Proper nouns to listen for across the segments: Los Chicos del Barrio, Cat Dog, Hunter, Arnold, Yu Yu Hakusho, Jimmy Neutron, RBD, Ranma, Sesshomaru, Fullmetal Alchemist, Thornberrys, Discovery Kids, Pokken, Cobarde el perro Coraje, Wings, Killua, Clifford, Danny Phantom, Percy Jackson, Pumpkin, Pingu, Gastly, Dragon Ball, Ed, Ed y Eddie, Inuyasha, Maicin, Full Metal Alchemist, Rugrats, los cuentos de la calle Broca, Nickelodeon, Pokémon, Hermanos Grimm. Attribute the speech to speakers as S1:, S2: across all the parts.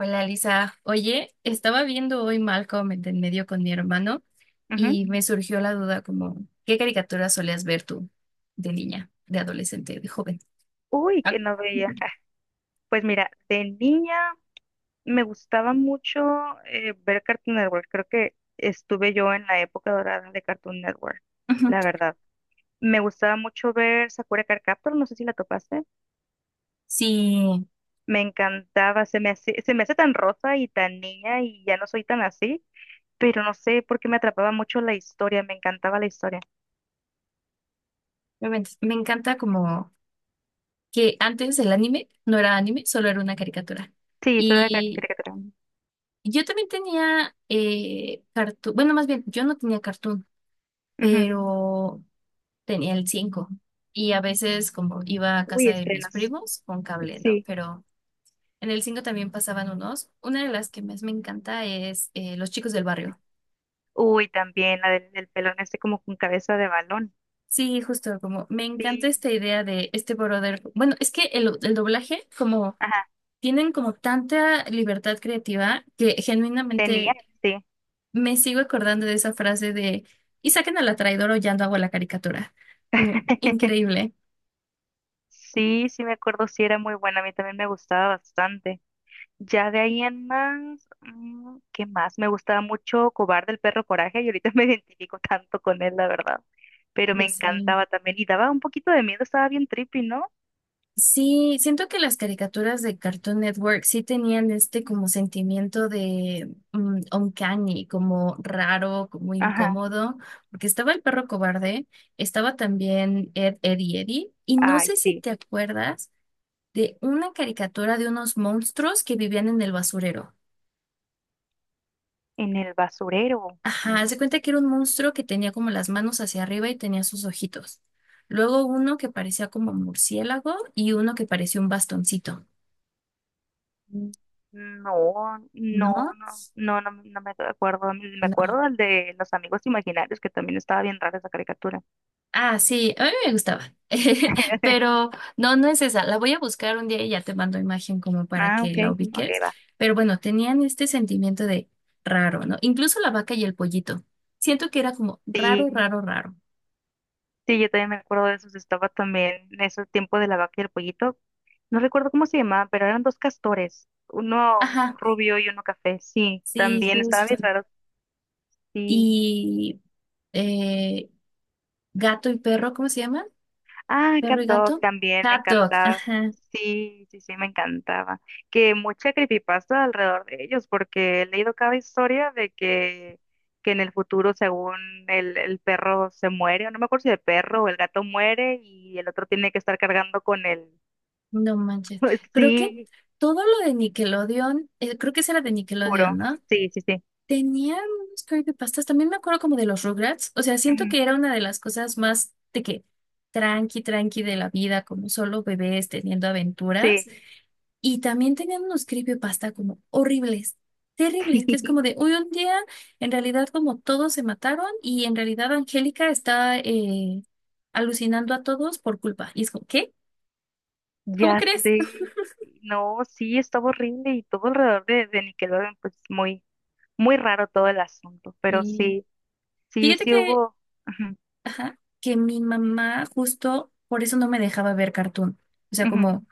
S1: Hola Lisa, oye, estaba viendo hoy Malcolm en el del medio con mi hermano
S2: Ujú.
S1: y me surgió la duda como, ¿qué caricaturas solías ver tú de niña, de adolescente, de joven?
S2: Uy,
S1: Ah,
S2: que no veía.
S1: ujú,
S2: Pues mira, de niña me gustaba mucho ver Cartoon Network. Creo que estuve yo en la época dorada de Cartoon Network,
S1: ujú.
S2: la verdad. Me gustaba mucho ver Sakura Card Captor, no sé si la topaste.
S1: Sí,
S2: Me encantaba, se me hace tan rosa y tan niña y ya no soy tan así, pero no sé por qué me atrapaba mucho la historia, me encantaba la historia.
S1: obviamente, me encanta como que antes el anime no era anime, solo era una caricatura.
S2: Sí, historia de
S1: Y
S2: caricatura.
S1: yo también tenía cartoon, bueno, más bien, yo no tenía cartoon,
S2: Ujú.
S1: pero tenía el 5 y a veces como iba a
S2: Uy,
S1: casa de mis
S2: estrenos.
S1: primos con cable, ¿no?
S2: Sí.
S1: Pero en el 5 también pasaban unos. Una de las que más me encanta es Los Chicos del Barrio.
S2: Uy, también la del pelón este como con cabeza de balón.
S1: Sí, justo, como me encanta
S2: Sí,
S1: esta idea de este brother. Bueno, es que el doblaje, como
S2: ajá,
S1: tienen como tanta libertad creativa que
S2: tenía,
S1: genuinamente
S2: sí.
S1: me sigo acordando de esa frase de y saquen a la traidora o ya no hago la caricatura. Como increíble.
S2: Sí, sí me acuerdo, sí era muy buena, a mí también me gustaba bastante. Ya de ahí en más, ¿qué más? Me gustaba mucho Cobarde el perro Coraje y ahorita me identifico tanto con él, la verdad. Pero me
S1: Ya sé.
S2: encantaba también y daba un poquito de miedo, estaba bien trippy, ¿no?
S1: Sí, siento que las caricaturas de Cartoon Network sí tenían este como sentimiento de uncanny, como raro, como
S2: Ajá,
S1: incómodo, porque estaba el perro cobarde, estaba también Ed, Ed y Eddie, y no
S2: ay,
S1: sé si
S2: sí,
S1: te acuerdas de una caricatura de unos monstruos que vivían en el basurero.
S2: en el basurero.
S1: Ajá, haz de cuenta que era un monstruo que tenía como las manos hacia arriba y tenía sus ojitos. Luego uno que parecía como murciélago y uno que parecía un bastoncito,
S2: Mm, No,
S1: ¿no?
S2: no, no, no, no, no me acuerdo, me
S1: No.
S2: acuerdo del de Los Amigos Imaginarios, que también estaba bien rara esa caricatura.
S1: Ah, sí, a mí me gustaba. Pero no es esa. La voy a buscar un día y ya te mando imagen como para
S2: Ah,
S1: que
S2: ok,
S1: la
S2: ok,
S1: ubiques.
S2: va.
S1: Pero bueno, tenían este sentimiento de raro, ¿no? Incluso la vaca y el pollito. Siento que era como raro,
S2: Sí,
S1: raro, raro.
S2: sí, yo también me acuerdo de esos. Estaba también en ese tiempo de la vaca y el pollito. No recuerdo cómo se llamaba, pero eran dos castores, uno
S1: Ajá,
S2: rubio y uno café. Sí,
S1: sí,
S2: también estaba
S1: justo.
S2: bien raro. Sí.
S1: Y eh, gato y perro, ¿cómo se llaman?
S2: Ah,
S1: Perro
S2: Cat
S1: y
S2: Dog
S1: gato.
S2: también me
S1: Hot dog,
S2: encantaba.
S1: ajá,
S2: Sí, sí, sí, me encantaba. Que mucha creepypasta alrededor de ellos, porque he leído cada historia de que en el futuro, según el perro se muere, o no me acuerdo si el perro o el gato muere y el otro tiene que estar cargando con el...
S1: no manches. Creo que
S2: Sí,
S1: todo lo de Nickelodeon, creo que ese era de
S2: juro.
S1: Nickelodeon, ¿no?
S2: Sí, sí, sí.
S1: Tenía unos creepypastas. También me acuerdo como de los Rugrats. O sea, siento
S2: Ujú.
S1: que era una de las cosas más de que tranqui, tranqui de la vida, como solo bebés teniendo aventuras.
S2: Sí,
S1: Y también tenían unos creepypasta como horribles, terribles, que es como de, uy, un día en realidad como todos se mataron y en realidad Angélica está alucinando a todos por culpa. Y es como, ¿qué? ¿Cómo
S2: ya
S1: crees?
S2: sé. No, sí, estaba horrible y todo alrededor de Nickelodeon, pues muy, muy raro todo el asunto, pero
S1: Y
S2: sí. Sí,
S1: fíjate
S2: sí
S1: que,
S2: hubo. Ujú,
S1: ajá, que mi mamá justo por eso no me dejaba ver cartoon. O sea,
S2: ujú.
S1: como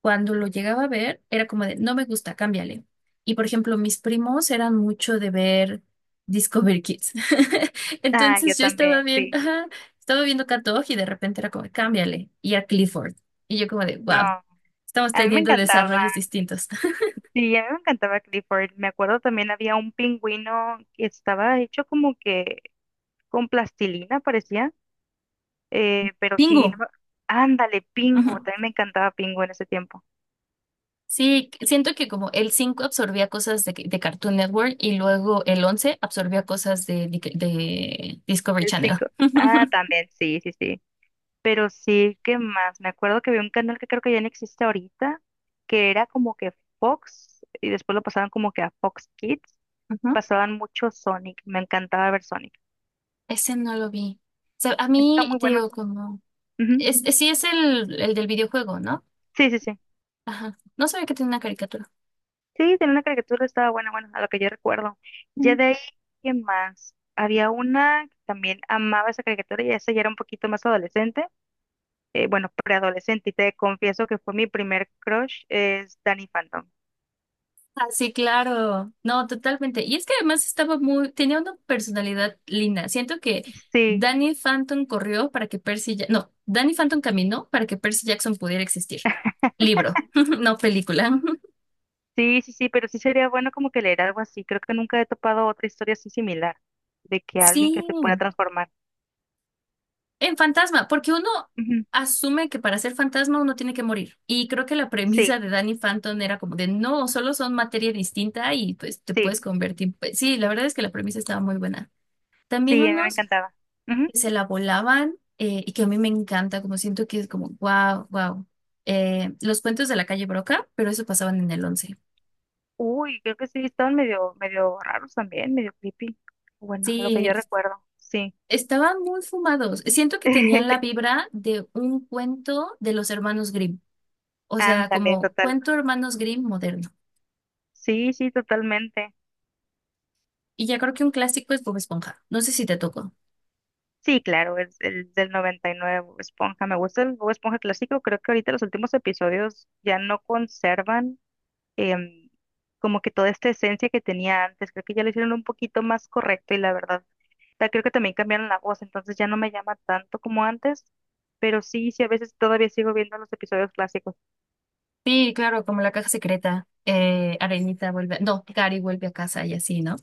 S1: cuando lo llegaba a ver, era como de, no me gusta, cámbiale. Y por ejemplo, mis primos eran mucho de ver Discovery Kids.
S2: Ah, yo
S1: Entonces yo estaba
S2: también,
S1: viendo,
S2: sí.
S1: ajá, estaba viendo Cat Dog y de repente era como, cámbiale. Y a Clifford. Y yo como de,
S2: No,
S1: wow, estamos
S2: a mí me
S1: teniendo
S2: encantaba.
S1: desarrollos distintos.
S2: Sí, a mí me encantaba Clifford. Me acuerdo también había un pingüino que estaba hecho como que con plastilina, parecía. Pero sí, no
S1: Pingu.
S2: me- ándale, Pingu.
S1: Ujú.
S2: También me encantaba Pingu en ese tiempo.
S1: Sí, siento que como el 5 absorbía cosas de Cartoon Network y luego el 11 absorbía cosas de, de Discovery
S2: El
S1: Channel.
S2: cinco. Ah, también, sí, sí, sí. Pero sí, ¿qué más? Me acuerdo que había un canal que creo que ya no existe ahorita, que era como que Fox, y después lo pasaban como que a Fox Kids.
S1: Ujú.
S2: Pasaban mucho Sonic, me encantaba ver Sonic.
S1: Ese no lo vi. O sea, a
S2: Está
S1: mí
S2: muy
S1: te
S2: bueno.
S1: digo como...
S2: Ujú.
S1: Sí es el del videojuego, ¿no?
S2: Sí, sí, sí.
S1: Ajá. No sabía que tenía una caricatura.
S2: Sí, tenía una caricatura, estaba buena, bueno, a lo que yo recuerdo.
S1: Mm.
S2: Ya de ahí, ¿qué más? Había una que también amaba esa caricatura y esa ya era un poquito más adolescente, bueno, preadolescente, y te confieso que fue mi primer crush, es Danny Phantom.
S1: Ah, sí, claro. No, totalmente. Y es que además estaba muy... Tenía una personalidad linda. Siento que
S2: Sí,
S1: Danny Phantom corrió para que Percy... Ja- No, Danny Phantom caminó para que Percy Jackson pudiera existir. Libro, no película.
S2: sí, sí, sí, pero sí sería bueno como que leer algo así. Creo que nunca he topado otra historia así similar, de que
S1: Sí.
S2: alguien que se pueda transformar.
S1: En fantasma, porque uno
S2: Ujú.
S1: asume que para ser fantasma uno tiene que morir. Y creo que la
S2: Sí,
S1: premisa de Danny Phantom era como de no, solo son materia distinta y pues te
S2: sí,
S1: puedes convertir. Pues, sí, la verdad es que la premisa estaba muy buena. También
S2: sí, a mí me
S1: unos
S2: encantaba.
S1: que se la volaban y que a mí me encanta, como siento que es como wow, wow. Los cuentos de la calle Broca, pero eso pasaban en el once.
S2: Uy, creo que sí, estaban medio, medio raros también, medio creepy. Bueno, lo que yo
S1: Sí,
S2: recuerdo, sí.
S1: estaban muy fumados. Siento que tenían la vibra de un cuento de los hermanos Grimm. O sea,
S2: Ándale,
S1: como
S2: total.
S1: cuento Hermanos Grimm moderno.
S2: Sí, sí, totalmente.
S1: Y ya creo que un clásico es Bob Esponja. No sé si te tocó.
S2: Sí, claro, es el del 99, Bob Esponja. Me gusta el Bob Esponja clásico. Creo que ahorita los últimos episodios ya no conservan em, como que toda esta esencia que tenía antes. Creo que ya lo hicieron un poquito más correcto y la verdad, creo que también cambiaron la voz, entonces ya no me llama tanto como antes. Pero sí, sí, a veces todavía sigo viendo los episodios clásicos.
S1: Sí, claro, como la caja secreta, Arenita vuelve, no, Gary vuelve a casa y así, ¿no?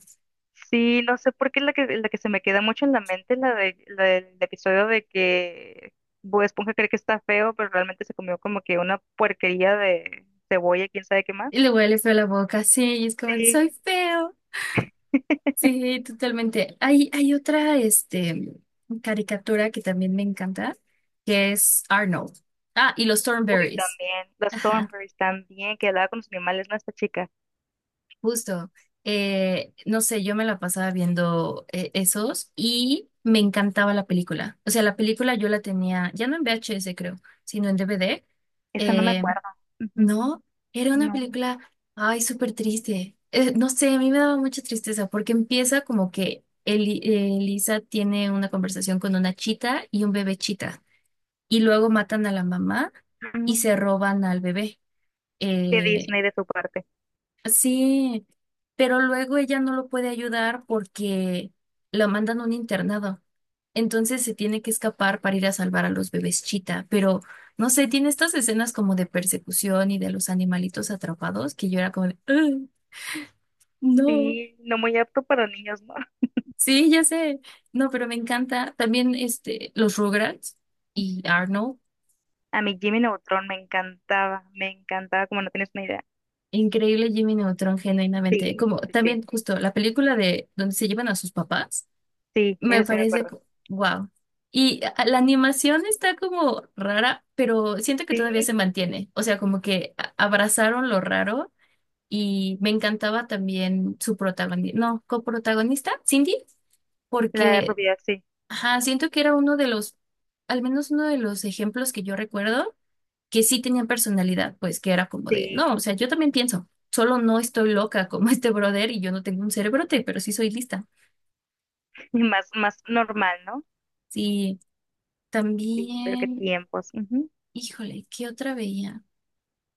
S2: Sí, no sé por qué la que se me queda mucho en la mente, la del episodio de que Bob Esponja cree que está feo, pero realmente se comió como que una puerquería de cebolla, quién sabe qué más.
S1: Y le huele feo la boca, sí, y es como,
S2: Sí.
S1: soy feo. Sí, totalmente. Hay otra, este, caricatura que también me encanta, que es Arnold. Ah, y los
S2: Uy,
S1: Thornberrys.
S2: también, los
S1: Ajá.
S2: Thornberrys también, que hablaba con los animales, ¿no? Esta chica.
S1: Justo, no sé, yo me la pasaba viendo esos y me encantaba la película. O sea, la película yo la tenía, ya no en VHS creo, sino en DVD.
S2: Esa no me
S1: Eh,
S2: acuerdo. Ujú.
S1: no, era una
S2: No.
S1: película, ay, súper triste. No sé, a mí me daba mucha tristeza porque empieza como que Elisa tiene una conversación con una chita y un bebé chita y luego matan a la mamá y
S2: Mm,
S1: se roban al bebé.
S2: Qué
S1: eh,
S2: Disney de su parte.
S1: Sí, pero luego ella no lo puede ayudar porque la mandan a un internado. Entonces se tiene que escapar para ir a salvar a los bebés chita. Pero no sé, tiene estas escenas como de persecución y de los animalitos atrapados que yo era como, de, "Ugh, no,
S2: Sí, no muy apto para niños, ¿no?
S1: sí, ya sé". No, pero me encanta. También este, los Rugrats y Arnold.
S2: A mí Jimmy Neutron me encantaba, como no tienes una idea.
S1: Increíble Jimmy Neutron, genuinamente.
S2: Sí,
S1: Como
S2: sí, sí.
S1: también justo la película de donde se llevan a sus papás.
S2: Sí,
S1: Me
S2: ese sí me
S1: parece
S2: acuerdo.
S1: wow. Y a- la animación está como rara, pero siento que todavía
S2: Sí,
S1: se mantiene. O sea, como que a- abrazaron lo raro y me encantaba también su protagonista, no, coprotagonista, Cindy,
S2: la de
S1: porque
S2: Rubia, sí,
S1: ajá, siento que era uno de los, al menos uno de los ejemplos que yo recuerdo que sí tenía personalidad, pues que era como de,
S2: sí,
S1: no, o sea, yo también pienso, solo no estoy loca como este brother y yo no tengo un cerebrote, pero sí soy lista.
S2: y más, más normal, ¿no?
S1: Sí.
S2: Sí, pero qué
S1: También
S2: tiempos. Ujú.
S1: híjole, ¿qué otra veía?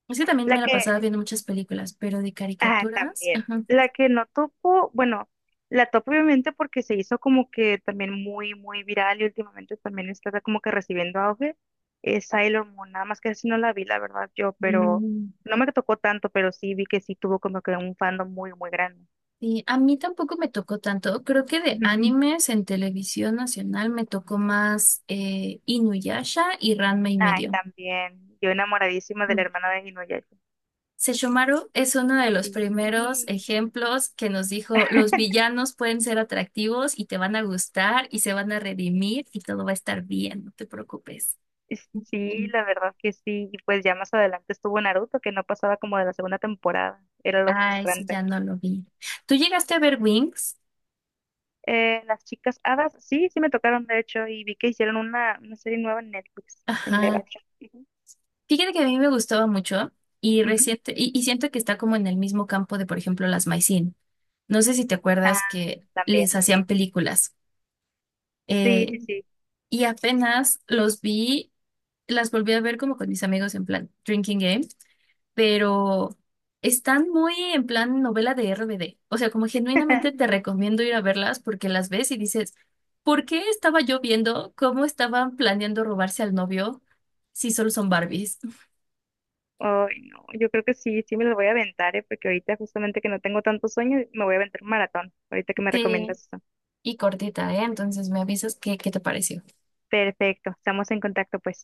S1: Es que también
S2: La
S1: me la
S2: que,
S1: pasaba viendo muchas películas, pero de
S2: ah,
S1: caricaturas,
S2: también,
S1: ajá.
S2: la que no topo, bueno, la topo obviamente porque se hizo como que también muy, muy viral y últimamente también está como que recibiendo auge, es Sailor Moon, nada más que así no la vi, la verdad, yo, pero
S1: Mm,
S2: no me tocó tanto, pero sí vi que sí tuvo como que un fandom muy, muy grande.
S1: sí, a mí tampoco me tocó tanto. Creo que de
S2: Ujú.
S1: animes en televisión nacional me tocó más Inuyasha y Ranma y
S2: Ay,
S1: medio.
S2: también, yo enamoradísima de la
S1: Mm.
S2: hermana de Inuyasha.
S1: Sesshomaru es uno de los
S2: Sí.
S1: primeros
S2: Sí.
S1: ejemplos que nos dijo, los villanos pueden ser atractivos y te van a gustar y se van a redimir y todo va a estar bien, no te preocupes.
S2: Sí, la verdad que sí. Y pues ya más adelante estuvo Naruto, que no pasaba como de la segunda temporada. Era lo
S1: Ah, ese
S2: frustrante.
S1: ya no lo vi. ¿Tú llegaste a ver Wings?
S2: Las chicas hadas, sí, sí me tocaron, de hecho, y vi que hicieron una serie nueva en Netflix, en live
S1: Ajá.
S2: action. Ujú.
S1: Fíjate que a mí me gustaba mucho y,
S2: Ujú.
S1: reciente, y siento que está como en el mismo campo de, por ejemplo, las Maicin. No sé si te
S2: Ah,
S1: acuerdas que les
S2: también, sí,
S1: hacían
S2: sí,
S1: películas.
S2: sí,
S1: Eh,
S2: sí, sí. Sí.
S1: y apenas los vi, las volví a ver como con mis amigos en plan Drinking Game, pero están muy en plan novela de RBD. O sea, como genuinamente te recomiendo ir a verlas porque las ves y dices, ¿por qué estaba yo viendo cómo estaban planeando robarse al novio si solo son Barbies?
S2: Ay, no, yo creo que sí, sí me lo voy a aventar, ¿eh? Porque ahorita justamente que no tengo tanto sueño, me voy a aventar un maratón, ahorita que me
S1: Sí,
S2: recomiendas eso.
S1: y cortita, ¿eh? Entonces me avisas qué, qué te pareció.
S2: Perfecto, estamos en contacto, pues.